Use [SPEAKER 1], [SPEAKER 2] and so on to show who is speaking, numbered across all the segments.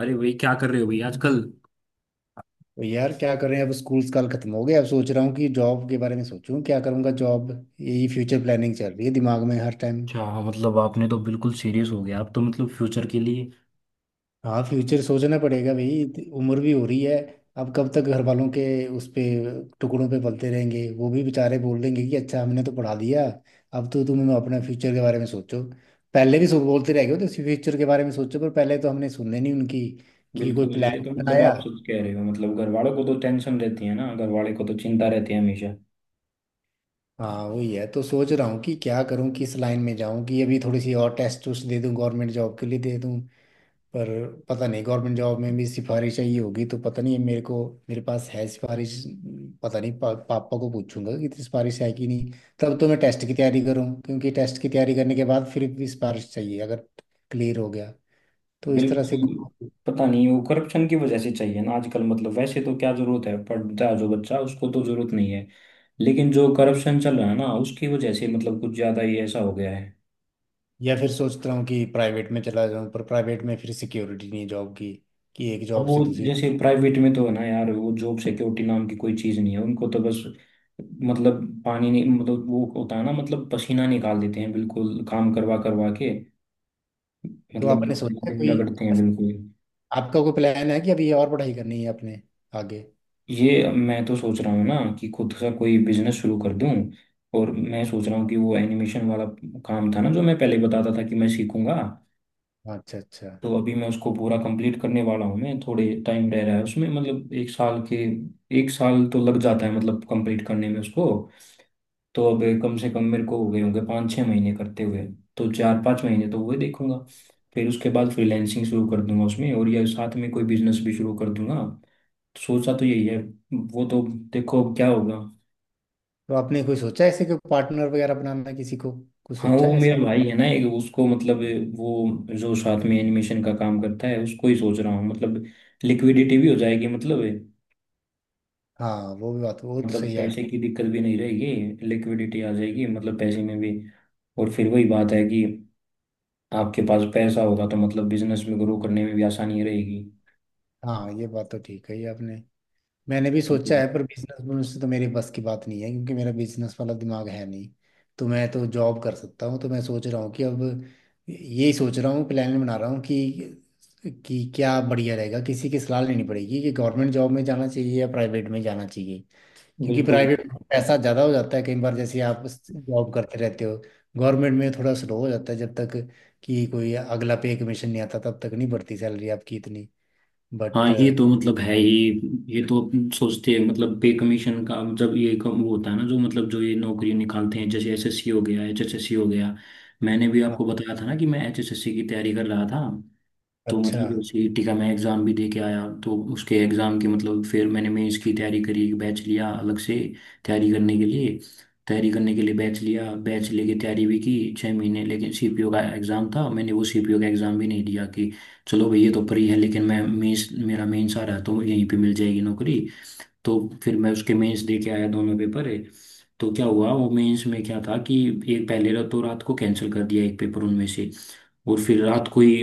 [SPEAKER 1] अरे भाई क्या कर रहे हो भाई आजकल।
[SPEAKER 2] तो यार, क्या करें? अब स्कूल साल खत्म हो गया। अब सोच रहा हूँ कि जॉब के बारे में सोचूं, क्या करूँगा जॉब। यही फ्यूचर प्लानिंग चल रही है दिमाग में हर टाइम।
[SPEAKER 1] अच्छा मतलब आपने तो बिल्कुल सीरियस हो गया आप तो मतलब फ्यूचर के लिए।
[SPEAKER 2] हाँ, फ्यूचर सोचना पड़ेगा भाई। उम्र भी हो रही है। अब कब तक घर वालों के उस पे टुकड़ों पे पलते रहेंगे। वो भी बेचारे बोल देंगे कि अच्छा, हमने तो पढ़ा दिया, अब तो तुम अपना फ्यूचर के बारे में सोचो। पहले भी सो बोलते रह गए हो तो फ्यूचर के बारे में सोचो, पर पहले तो हमने सुनने नहीं उनकी, कि कोई
[SPEAKER 1] बिल्कुल ये
[SPEAKER 2] प्लान
[SPEAKER 1] तो मतलब
[SPEAKER 2] बनाया।
[SPEAKER 1] आप सच कह रहे हो। मतलब घर वालों को तो टेंशन रहती है ना, घर वाले को तो चिंता रहती है हमेशा।
[SPEAKER 2] हाँ, वही है। तो सोच रहा हूँ कि क्या करूँ, किस लाइन में जाऊँ, कि अभी थोड़ी सी और टेस्ट उस्ट दे दूँ, गवर्नमेंट जॉब के लिए दे दूँ। पर पता नहीं गवर्नमेंट जॉब में भी सिफारिश चाहिए होगी, तो पता नहीं मेरे को, मेरे पास है सिफारिश, पता नहीं। पापा को पूछूंगा कि इतनी सिफारिश है कि नहीं। तब तो मैं टेस्ट की तैयारी करूँ, क्योंकि टेस्ट की तैयारी करने के बाद फिर भी सिफारिश चाहिए अगर क्लियर हो गया। तो इस तरह से
[SPEAKER 1] बिल्कुल, पता नहीं वो करप्शन की वजह से चाहिए ना आजकल। मतलब वैसे तो क्या जरूरत है, पढ़ता है जो बच्चा उसको तो जरूरत नहीं है, लेकिन जो करप्शन चल रहा है ना उसकी वजह से मतलब कुछ ज्यादा ही ऐसा हो गया है।
[SPEAKER 2] या फिर सोच रहा हूँ कि प्राइवेट में चला जाऊँ। पर प्राइवेट में फिर सिक्योरिटी नहीं है जॉब की, कि एक
[SPEAKER 1] अब
[SPEAKER 2] जॉब
[SPEAKER 1] वो
[SPEAKER 2] से दूसरी।
[SPEAKER 1] जैसे प्राइवेट में तो है ना यार, वो जॉब सिक्योरिटी नाम की कोई चीज़ नहीं है उनको तो, बस मतलब पानी नहीं, मतलब वो होता है ना मतलब पसीना निकाल देते हैं बिल्कुल, काम करवा करवा के
[SPEAKER 2] तो
[SPEAKER 1] मतलब
[SPEAKER 2] आपने सोचा है
[SPEAKER 1] दिन
[SPEAKER 2] कोई,
[SPEAKER 1] रगड़ते हैं बिल्कुल।
[SPEAKER 2] आपका कोई प्लान है कि अभी और पढ़ाई करनी है अपने आगे?
[SPEAKER 1] ये मैं तो सोच रहा हूँ ना कि खुद का कोई बिजनेस शुरू कर दूं, और मैं सोच रहा हूँ कि वो एनिमेशन वाला काम था ना जो मैं पहले बताता था कि मैं सीखूंगा,
[SPEAKER 2] अच्छा, अच्छा।
[SPEAKER 1] तो अभी मैं उसको पूरा कंप्लीट करने वाला हूँ। मैं थोड़े टाइम रह रहा है उसमें मतलब, एक साल के एक साल तो लग जाता है मतलब कंप्लीट करने में उसको। तो अब कम से कम मेरे को हो गए होंगे 5-6 महीने करते हुए, तो 4-5 महीने तो वो देखूंगा। फिर उसके बाद फ्रीलैंसिंग शुरू कर दूंगा उसमें, और या साथ में कोई बिजनेस भी शुरू कर दूंगा। तो सोचा तो यही है, वो तो देखो अब क्या होगा।
[SPEAKER 2] तो आपने कोई सोचा है ऐसे, कोई पार्टनर वगैरह बनाना किसी को? कुछ
[SPEAKER 1] हाँ
[SPEAKER 2] सोचा
[SPEAKER 1] वो
[SPEAKER 2] है इस बार?
[SPEAKER 1] मेरा भाई है ना एक, उसको मतलब वो जो साथ में एनिमेशन का काम करता है उसको ही सोच रहा हूँ। मतलब लिक्विडिटी भी हो जाएगी, मतलब
[SPEAKER 2] हाँ, वो भी बात, वो तो
[SPEAKER 1] मतलब
[SPEAKER 2] सही
[SPEAKER 1] पैसे
[SPEAKER 2] आइडिया।
[SPEAKER 1] की दिक्कत भी नहीं रहेगी, लिक्विडिटी आ जाएगी मतलब पैसे में भी। और फिर वही बात है कि आपके पास पैसा होगा तो मतलब बिजनेस में ग्रो करने में भी आसानी रहेगी।
[SPEAKER 2] हाँ, ये बात तो ठीक है, ये आपने... मैंने भी सोचा
[SPEAKER 1] बिल्कुल
[SPEAKER 2] है, पर बिजनेस से तो मेरे बस की बात नहीं है, क्योंकि मेरा बिजनेस वाला दिमाग है नहीं। तो मैं तो जॉब कर सकता हूँ। तो मैं सोच रहा हूँ कि अब, यही सोच रहा हूँ, प्लान बना रहा हूँ कि क्या बढ़िया रहेगा, किसी की सलाह लेनी पड़ेगी कि गवर्नमेंट जॉब में जाना चाहिए या प्राइवेट में जाना चाहिए। क्योंकि
[SPEAKER 1] बिल्कुल।
[SPEAKER 2] प्राइवेट में पैसा ज़्यादा हो जाता है कई बार, जैसे आप जॉब करते रहते हो। गवर्नमेंट में थोड़ा स्लो हो जाता है, जब तक कि कोई अगला पे कमीशन नहीं आता, तब तक नहीं बढ़ती सैलरी आपकी इतनी। बट...
[SPEAKER 1] हाँ ये तो मतलब है ही। ये तो अपन सोचते हैं मतलब पे कमीशन का, जब ये कम वो होता है ना जो मतलब जो ये नौकरी निकालते हैं जैसे एसएससी हो गया, एचएसएससी हो गया। मैंने भी आपको बताया था ना कि मैं एचएसएससी की तैयारी कर रहा था, तो
[SPEAKER 2] अच्छा,
[SPEAKER 1] मतलब उसी टीका मैं एग्ज़ाम भी दे के आया। तो उसके एग्ज़ाम की मतलब फिर मैंने मेंस की तैयारी करी, एक बैच लिया अलग से तैयारी करने के लिए। तैयारी करने के लिए बैच लिया, बैच लेके तैयारी भी की 6 महीने। लेकिन सीपीओ का एग्ज़ाम था, मैंने वो सीपीओ का एग्ज़ाम भी नहीं दिया कि चलो भाई ये तो फ्री है, लेकिन मैं मेंस मेरा मेंस आ रहा है तो यहीं पे मिल जाएगी नौकरी। तो फिर मैं उसके मेंस दे के आया, दोनों पेपर है। तो क्या हुआ वो मेंस में क्या था कि एक पहले रात, तो रात को कैंसिल कर दिया एक पेपर उनमें से, और फिर रात को ही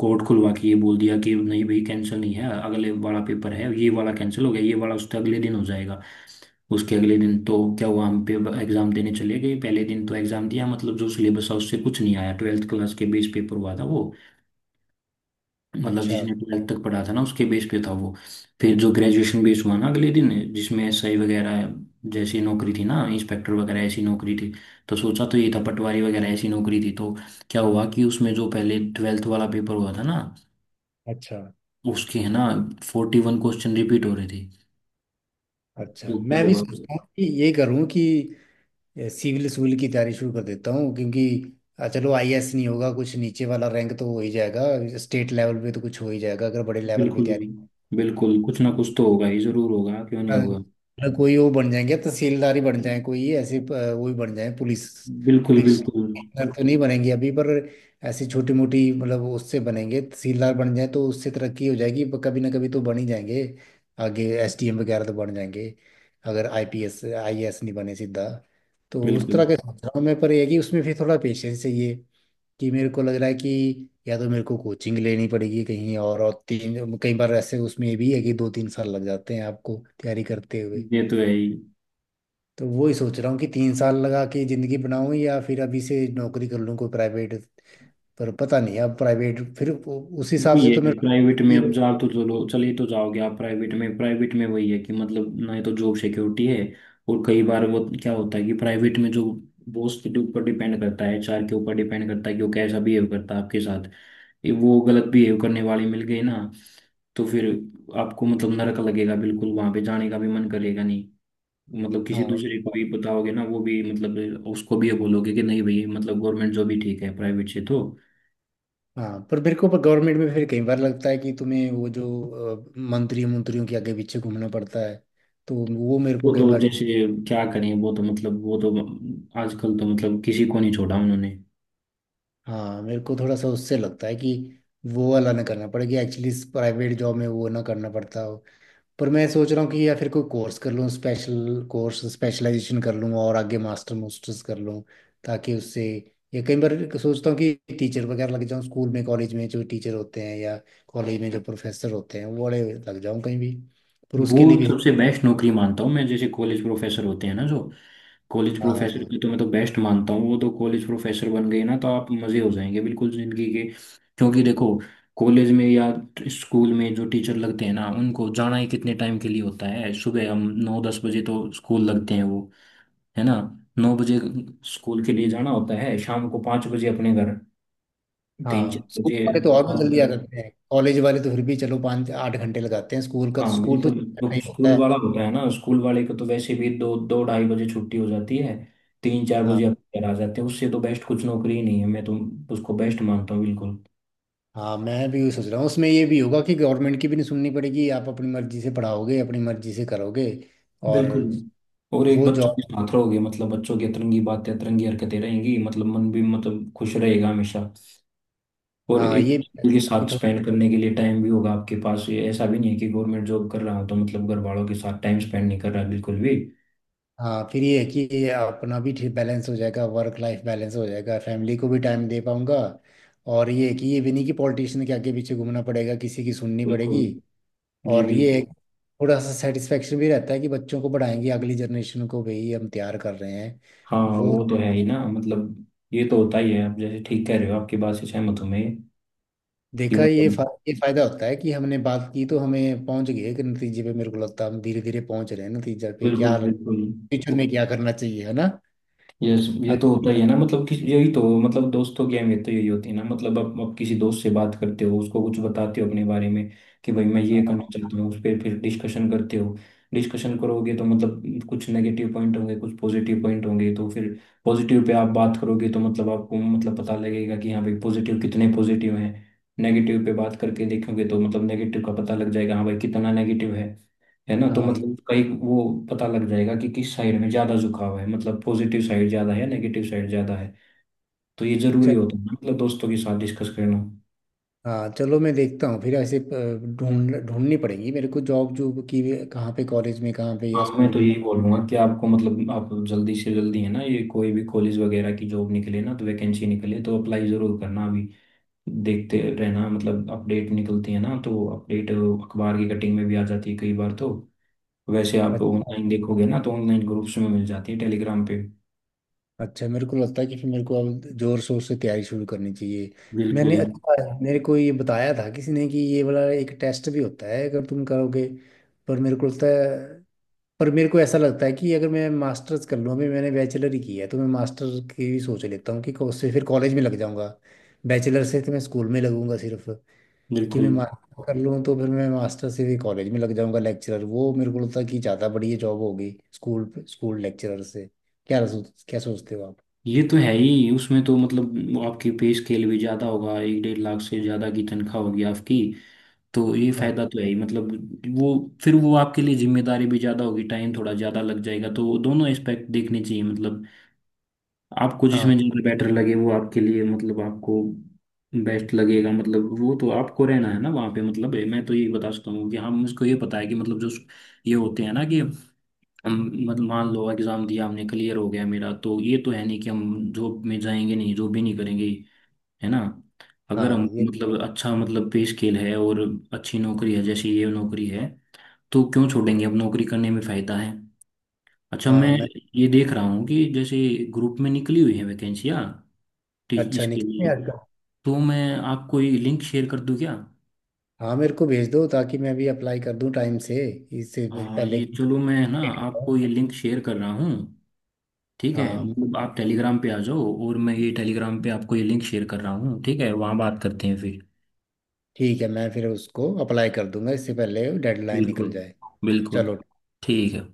[SPEAKER 1] कोर्ट खुलवा के ये बोल दिया कि नहीं भाई कैंसिल नहीं है, अगले वाला पेपर है। ये वाला कैंसिल हो गया, ये वाला उसके अगले दिन हो जाएगा। उसके अगले दिन तो क्या हुआ, हम पेपर एग्जाम देने चले गए। पहले दिन तो एग्जाम दिया मतलब, जो सिलेबस था उससे कुछ नहीं आया। ट्वेल्थ क्लास के बेस पेपर हुआ था वो, मतलब
[SPEAKER 2] अच्छा,
[SPEAKER 1] जिसने ट्वेल्थ तक पढ़ा था ना उसके बेस पे था वो। फिर जो ग्रेजुएशन बेस हुआ ना अगले दिन, जिसमें एसआई वगैरह जैसी नौकरी थी ना, इंस्पेक्टर वगैरह ऐसी नौकरी थी। तो सोचा तो ये था पटवारी वगैरह ऐसी नौकरी थी, तो क्या हुआ कि उसमें जो पहले ट्वेल्थ वाला पेपर हुआ था ना
[SPEAKER 2] अच्छा,
[SPEAKER 1] उसके, है ना, 41 क्वेश्चन रिपीट हो रहे थे।
[SPEAKER 2] अच्छा,
[SPEAKER 1] तो क्या
[SPEAKER 2] मैं भी
[SPEAKER 1] हुआ।
[SPEAKER 2] सोचता हूँ कि ये करूँ कि सिविल सिविल की तैयारी शुरू कर देता हूँ, क्योंकि चलो आईएएस नहीं होगा, कुछ नीचे वाला रैंक तो हो ही जाएगा। स्टेट लेवल पे तो कुछ हो ही जाएगा अगर बड़े लेवल पे
[SPEAKER 1] बिल्कुल
[SPEAKER 2] तैयारी।
[SPEAKER 1] बिल्कुल, कुछ ना कुछ तो होगा ही, जरूर होगा, क्यों नहीं होगा।
[SPEAKER 2] मतलब कोई वो बन जाएंगे, तहसीलदार ही बन जाए, कोई ऐसे वो ही बन जाए पुलिस।
[SPEAKER 1] बिल्कुल
[SPEAKER 2] पुलिस
[SPEAKER 1] बिल्कुल।
[SPEAKER 2] कमिश्नर तो नहीं बनेंगे अभी, पर ऐसी छोटी मोटी, मतलब उससे बनेंगे। तहसीलदार बन जाए तो उससे तरक्की हो जाएगी, पर कभी ना कभी तो बन ही जाएंगे। आगे एसडीएम वगैरह तो बन जाएंगे, अगर आईपीएस आईएएस नहीं बने सीधा। तो उस
[SPEAKER 1] बिल्कुल
[SPEAKER 2] तरह के सोच रहा हूँ मैं, पर ये है कि उसमें फिर थोड़ा पेशेंस चाहिए, कि मेरे को लग रहा है कि या तो मेरे को कोचिंग लेनी पड़ेगी कहीं और, तीन कई बार ऐसे उसमें ये भी है कि 2-3 साल लग जाते हैं आपको तैयारी करते हुए।
[SPEAKER 1] ये तो है ही।
[SPEAKER 2] तो वो ही सोच रहा हूँ कि 3 साल लगा के ज़िंदगी बनाऊँ, या फिर अभी से नौकरी कर लूँ कोई प्राइवेट। पर पता नहीं अब प्राइवेट फिर उस हिसाब
[SPEAKER 1] वही
[SPEAKER 2] से तो
[SPEAKER 1] है
[SPEAKER 2] मेरे
[SPEAKER 1] प्राइवेट में, अब
[SPEAKER 2] ये-
[SPEAKER 1] जा तो चलो चले तो जाओगे आप प्राइवेट में, प्राइवेट में वही है कि मतलब ना ही तो जॉब सिक्योरिटी है। और कई बार वो क्या होता है कि प्राइवेट में जो बॉस के ऊपर डिपेंड करता है, एचआर के ऊपर डिपेंड करता है कि वो कैसा बिहेव करता है आपके साथ। ये वो गलत बिहेव करने वाले मिल गए ना तो फिर आपको मतलब नरक लगेगा बिल्कुल, वहां पे जाने का भी मन करेगा नहीं। मतलब किसी
[SPEAKER 2] हाँ,
[SPEAKER 1] दूसरे को भी बताओगे ना, वो भी मतलब उसको भी ये बोलोगे कि नहीं भाई, मतलब गवर्नमेंट जॉब ही ठीक है प्राइवेट से तो।
[SPEAKER 2] हाँ, पर मेरे को, पर गवर्नमेंट में फिर कई बार लगता है कि तुम्हें वो जो मंत्री मंत्रियों के आगे पीछे घूमना पड़ता है। तो वो मेरे को
[SPEAKER 1] वो तो
[SPEAKER 2] कई बार ठीक...
[SPEAKER 1] जैसे क्या करें, वो तो मतलब वो तो आजकल तो मतलब किसी को नहीं छोड़ा उन्होंने।
[SPEAKER 2] हाँ, मेरे को थोड़ा सा उससे लगता है कि वो वाला ना करना पड़े, कि एक्चुअली प्राइवेट जॉब में वो ना करना पड़ता हो। पर मैं सोच रहा हूँ कि या फिर कोई कोर्स कर लूँ, स्पेशल कोर्स, स्पेशलाइजेशन कर लूँ और आगे मास्टर्स कर लूँ, ताकि उससे... या कई बार सोचता हूँ कि टीचर वगैरह लग जाऊँ स्कूल में, कॉलेज में जो टीचर होते हैं, या कॉलेज में जो प्रोफेसर होते हैं वो बड़े लग जाऊँ कहीं भी। पर
[SPEAKER 1] वो
[SPEAKER 2] उसके लिए भी...
[SPEAKER 1] सबसे बेस्ट नौकरी मानता हूँ मैं जैसे कॉलेज प्रोफेसर होते हैं ना जो, कॉलेज प्रोफेसर
[SPEAKER 2] हाँ,
[SPEAKER 1] की तो मैं तो बेस्ट मानता हूँ। वो तो कॉलेज प्रोफेसर बन गए ना तो आप मजे हो जाएंगे बिल्कुल जिंदगी के। क्योंकि देखो कॉलेज में या स्कूल में जो टीचर लगते हैं ना उनको जाना ही कितने टाइम के लिए होता है। सुबह हम 9-10 बजे तो स्कूल लगते हैं वो, है ना, 9 बजे स्कूल के लिए जाना होता है, शाम को 5 बजे अपने घर, तीन चार
[SPEAKER 2] हाँ, स्कूल
[SPEAKER 1] बजे
[SPEAKER 2] वाले तो और भी
[SPEAKER 1] बात
[SPEAKER 2] जल्दी आ
[SPEAKER 1] कर,
[SPEAKER 2] जाते हैं, कॉलेज वाले तो फिर भी चलो 5-8 घंटे लगाते हैं, स्कूल का तो
[SPEAKER 1] हाँ
[SPEAKER 2] स्कूल तो
[SPEAKER 1] बिल्कुल। तो
[SPEAKER 2] ही होता
[SPEAKER 1] स्कूल
[SPEAKER 2] है।
[SPEAKER 1] वाला होता है ना, स्कूल वाले को तो वैसे भी दो दो ढाई बजे छुट्टी हो जाती है, तीन चार
[SPEAKER 2] हाँ।
[SPEAKER 1] बजे आप घर आ जाते हैं। उससे तो बेस्ट कुछ नौकरी ही नहीं है, मैं तो उसको बेस्ट मानता हूँ बिल्कुल।
[SPEAKER 2] हाँ, मैं भी वही सोच रहा हूँ, उसमें ये भी होगा कि गवर्नमेंट की भी नहीं सुननी पड़ेगी, आप अपनी मर्जी से पढ़ाओगे, अपनी मर्जी से करोगे। और
[SPEAKER 1] बिल्कुल, और एक
[SPEAKER 2] वो
[SPEAKER 1] बच्चों के
[SPEAKER 2] जॉब...
[SPEAKER 1] साथ रहोगे मतलब, बच्चों की अतरंगी बातें अतरंगी हरकतें रहेंगी मतलब, मन भी मतलब खुश रहेगा हमेशा। और
[SPEAKER 2] हाँ,
[SPEAKER 1] एक
[SPEAKER 2] ये भी है
[SPEAKER 1] बच्चे के
[SPEAKER 2] कि
[SPEAKER 1] साथ
[SPEAKER 2] थोड़ा...
[SPEAKER 1] स्पेंड करने के लिए टाइम भी होगा आपके पास। ये ऐसा भी नहीं है कि गवर्नमेंट जॉब कर रहा हूँ तो मतलब घर वालों के साथ टाइम स्पेंड नहीं कर रहा बिल्कुल भी।
[SPEAKER 2] हाँ, फिर ये है कि ये अपना भी ठीक बैलेंस हो जाएगा, वर्क लाइफ बैलेंस हो जाएगा, फैमिली को भी टाइम दे पाऊंगा। और ये है कि ये भी नहीं कि पॉलिटिशियन के आगे पीछे घूमना पड़ेगा, किसी की सुननी
[SPEAKER 1] बिल्कुल,
[SPEAKER 2] पड़ेगी।
[SPEAKER 1] जी
[SPEAKER 2] और ये है
[SPEAKER 1] बिल्कुल।
[SPEAKER 2] कि थोड़ा सा सेटिस्फेक्शन भी रहता है कि बच्चों को पढ़ाएंगे, अगली जनरेशन को भी हम तैयार कर रहे हैं
[SPEAKER 1] हाँ
[SPEAKER 2] वो।
[SPEAKER 1] वो तो है ही ना मतलब, ये तो होता ही है, आप जैसे ठीक कह रहे हो, आपकी बात से सहमत हूँ मैं कि
[SPEAKER 2] देखा,
[SPEAKER 1] मतलब।
[SPEAKER 2] ये फायदा होता है कि हमने बात की, तो हमें पहुंच गए कि नतीजे पे, मेरे को लगता है हम धीरे धीरे पहुंच रहे हैं नतीजे पे, क्या
[SPEAKER 1] बिल्कुल बिल्कुल।
[SPEAKER 2] फ्यूचर में क्या करना चाहिए, है ना?
[SPEAKER 1] ये ये तो होता
[SPEAKER 2] अग-
[SPEAKER 1] ही है ना मतलब कि, यही तो मतलब दोस्तों की अहमियत तो यही होती है ना। मतलब आप किसी दोस्त से बात करते हो उसको कुछ बताते हो अपने बारे में कि भाई मैं ये
[SPEAKER 2] हाँ,
[SPEAKER 1] करना चाहता हूँ, उस पर फिर डिस्कशन करते हो। डिस्कशन करोगे तो मतलब कुछ नेगेटिव पॉइंट होंगे, कुछ पॉजिटिव पॉइंट होंगे, तो फिर पॉजिटिव पे आप बात करोगे तो मतलब आपको मतलब पता लगेगा कि हाँ भाई पॉजिटिव कितने पॉजिटिव हैं। नेगेटिव पे बात करके देखोगे तो मतलब नेगेटिव का पता लग जाएगा, हाँ भाई कितना नेगेटिव है। है ना, तो
[SPEAKER 2] हाँ, ये
[SPEAKER 1] मतलब कई वो पता लग जाएगा कि किस साइड में ज्यादा झुकाव है। मतलब पॉजिटिव साइड ज्यादा है, नेगेटिव साइड ज्यादा है, तो ये जरूरी
[SPEAKER 2] चल
[SPEAKER 1] होता है ना मतलब दोस्तों के साथ डिस्कस करना।
[SPEAKER 2] हाँ, चलो मैं देखता हूँ फिर ऐसे। ढूंढनी पड़ेगी मेरे को जॉब, की भी कहाँ पे, कॉलेज में कहाँ पे या
[SPEAKER 1] हाँ मैं तो
[SPEAKER 2] स्कूल।
[SPEAKER 1] यही बोलूंगा कि आपको मतलब आप जल्दी से जल्दी, है ना, ये कोई भी कॉलेज वगैरह की जॉब निकले ना तो, वैकेंसी निकले तो अप्लाई जरूर करना अभी। देखते रहना मतलब अपडेट निकलती है ना, तो अपडेट अखबार की कटिंग में भी आ जाती है कई बार तो। वैसे आप
[SPEAKER 2] अच्छा,
[SPEAKER 1] ऑनलाइन देखोगे ना तो ऑनलाइन ग्रुप्स में मिल जाती है, टेलीग्राम पे।
[SPEAKER 2] अच्छा, मेरे को लगता है कि फिर मेरे को अब जोर शोर से तैयारी शुरू करनी चाहिए। मैंने
[SPEAKER 1] बिल्कुल
[SPEAKER 2] अच्छा, मेरे को ये बताया था किसी ने कि ये वाला एक टेस्ट भी होता है अगर तुम करोगे। पर मेरे को लगता है पर मेरे को ऐसा लगता है कि अगर मैं मास्टर्स कर लूँ। अभी मैंने बैचलर ही की है तो मैं मास्टर की भी सोच लेता हूँ कि उससे फिर कॉलेज में लग जाऊंगा। बैचलर से तो मैं स्कूल में लगूंगा सिर्फ। कि मैं
[SPEAKER 1] बिल्कुल,
[SPEAKER 2] मास्टर कर लूँ तो फिर मैं मास्टर से भी कॉलेज में लग जाऊंगा लेक्चरर, वो मेरे को लगता है कि ज़्यादा बढ़िया जॉब होगी स्कूल स्कूल लेक्चरर से। क्या सोचते हो आप?
[SPEAKER 1] ये तो है ही। उसमें तो मतलब वो आपकी पे स्केल भी ज्यादा होगा, 1-1.5 लाख से ज्यादा की तनख्वाह होगी आपकी। तो ये
[SPEAKER 2] हाँ,
[SPEAKER 1] फायदा तो है ही मतलब। वो फिर वो आपके लिए जिम्मेदारी भी ज्यादा होगी, टाइम थोड़ा ज्यादा लग जाएगा, तो वो दोनों एस्पेक्ट देखने चाहिए मतलब। आपको
[SPEAKER 2] हाँ,
[SPEAKER 1] जिसमें ज्यादा बेटर लगे वो आपके लिए मतलब आपको बेस्ट लगेगा। मतलब वो तो आपको रहना है ना वहाँ पे। मतलब मैं तो यही बता सकता हूँ कि हम उसको ये पता है कि मतलब जो ये होते हैं ना कि, हम मतलब मान लो एग्जाम दिया हमने क्लियर हो गया मेरा, तो ये तो है नहीं कि हम जॉब में जाएंगे नहीं, जॉब भी नहीं करेंगे। है ना, अगर हम
[SPEAKER 2] हाँ, ये...
[SPEAKER 1] मतलब अच्छा मतलब पे स्केल है और अच्छी नौकरी है जैसे ये नौकरी है, तो क्यों छोड़ेंगे, अब नौकरी करने में फायदा है। अच्छा, मैं
[SPEAKER 2] हाँ मैं...
[SPEAKER 1] ये देख रहा हूँ कि जैसे ग्रुप में निकली हुई है वैकेंसियाँ
[SPEAKER 2] अच्छा,
[SPEAKER 1] इसके
[SPEAKER 2] निकल
[SPEAKER 1] लिए,
[SPEAKER 2] आजकल।
[SPEAKER 1] तो मैं आपको ये लिंक शेयर कर दूँ क्या।
[SPEAKER 2] हाँ, मेरे को भेज दो ताकि मैं भी अप्लाई कर दूँ टाइम से, इससे
[SPEAKER 1] हाँ
[SPEAKER 2] पहले
[SPEAKER 1] ये
[SPEAKER 2] कि...
[SPEAKER 1] चलो, मैं ना आपको ये लिंक शेयर कर रहा हूँ। ठीक है
[SPEAKER 2] हाँ,
[SPEAKER 1] मतलब आप टेलीग्राम पे आ जाओ, और मैं ये टेलीग्राम पे आपको ये लिंक शेयर कर रहा हूँ, ठीक है, वहाँ बात करते हैं फिर।
[SPEAKER 2] ठीक है, मैं फिर उसको अप्लाई कर दूंगा इससे पहले डेडलाइन निकल
[SPEAKER 1] बिल्कुल
[SPEAKER 2] जाए।
[SPEAKER 1] बिल्कुल।
[SPEAKER 2] चलो।
[SPEAKER 1] ठीक है।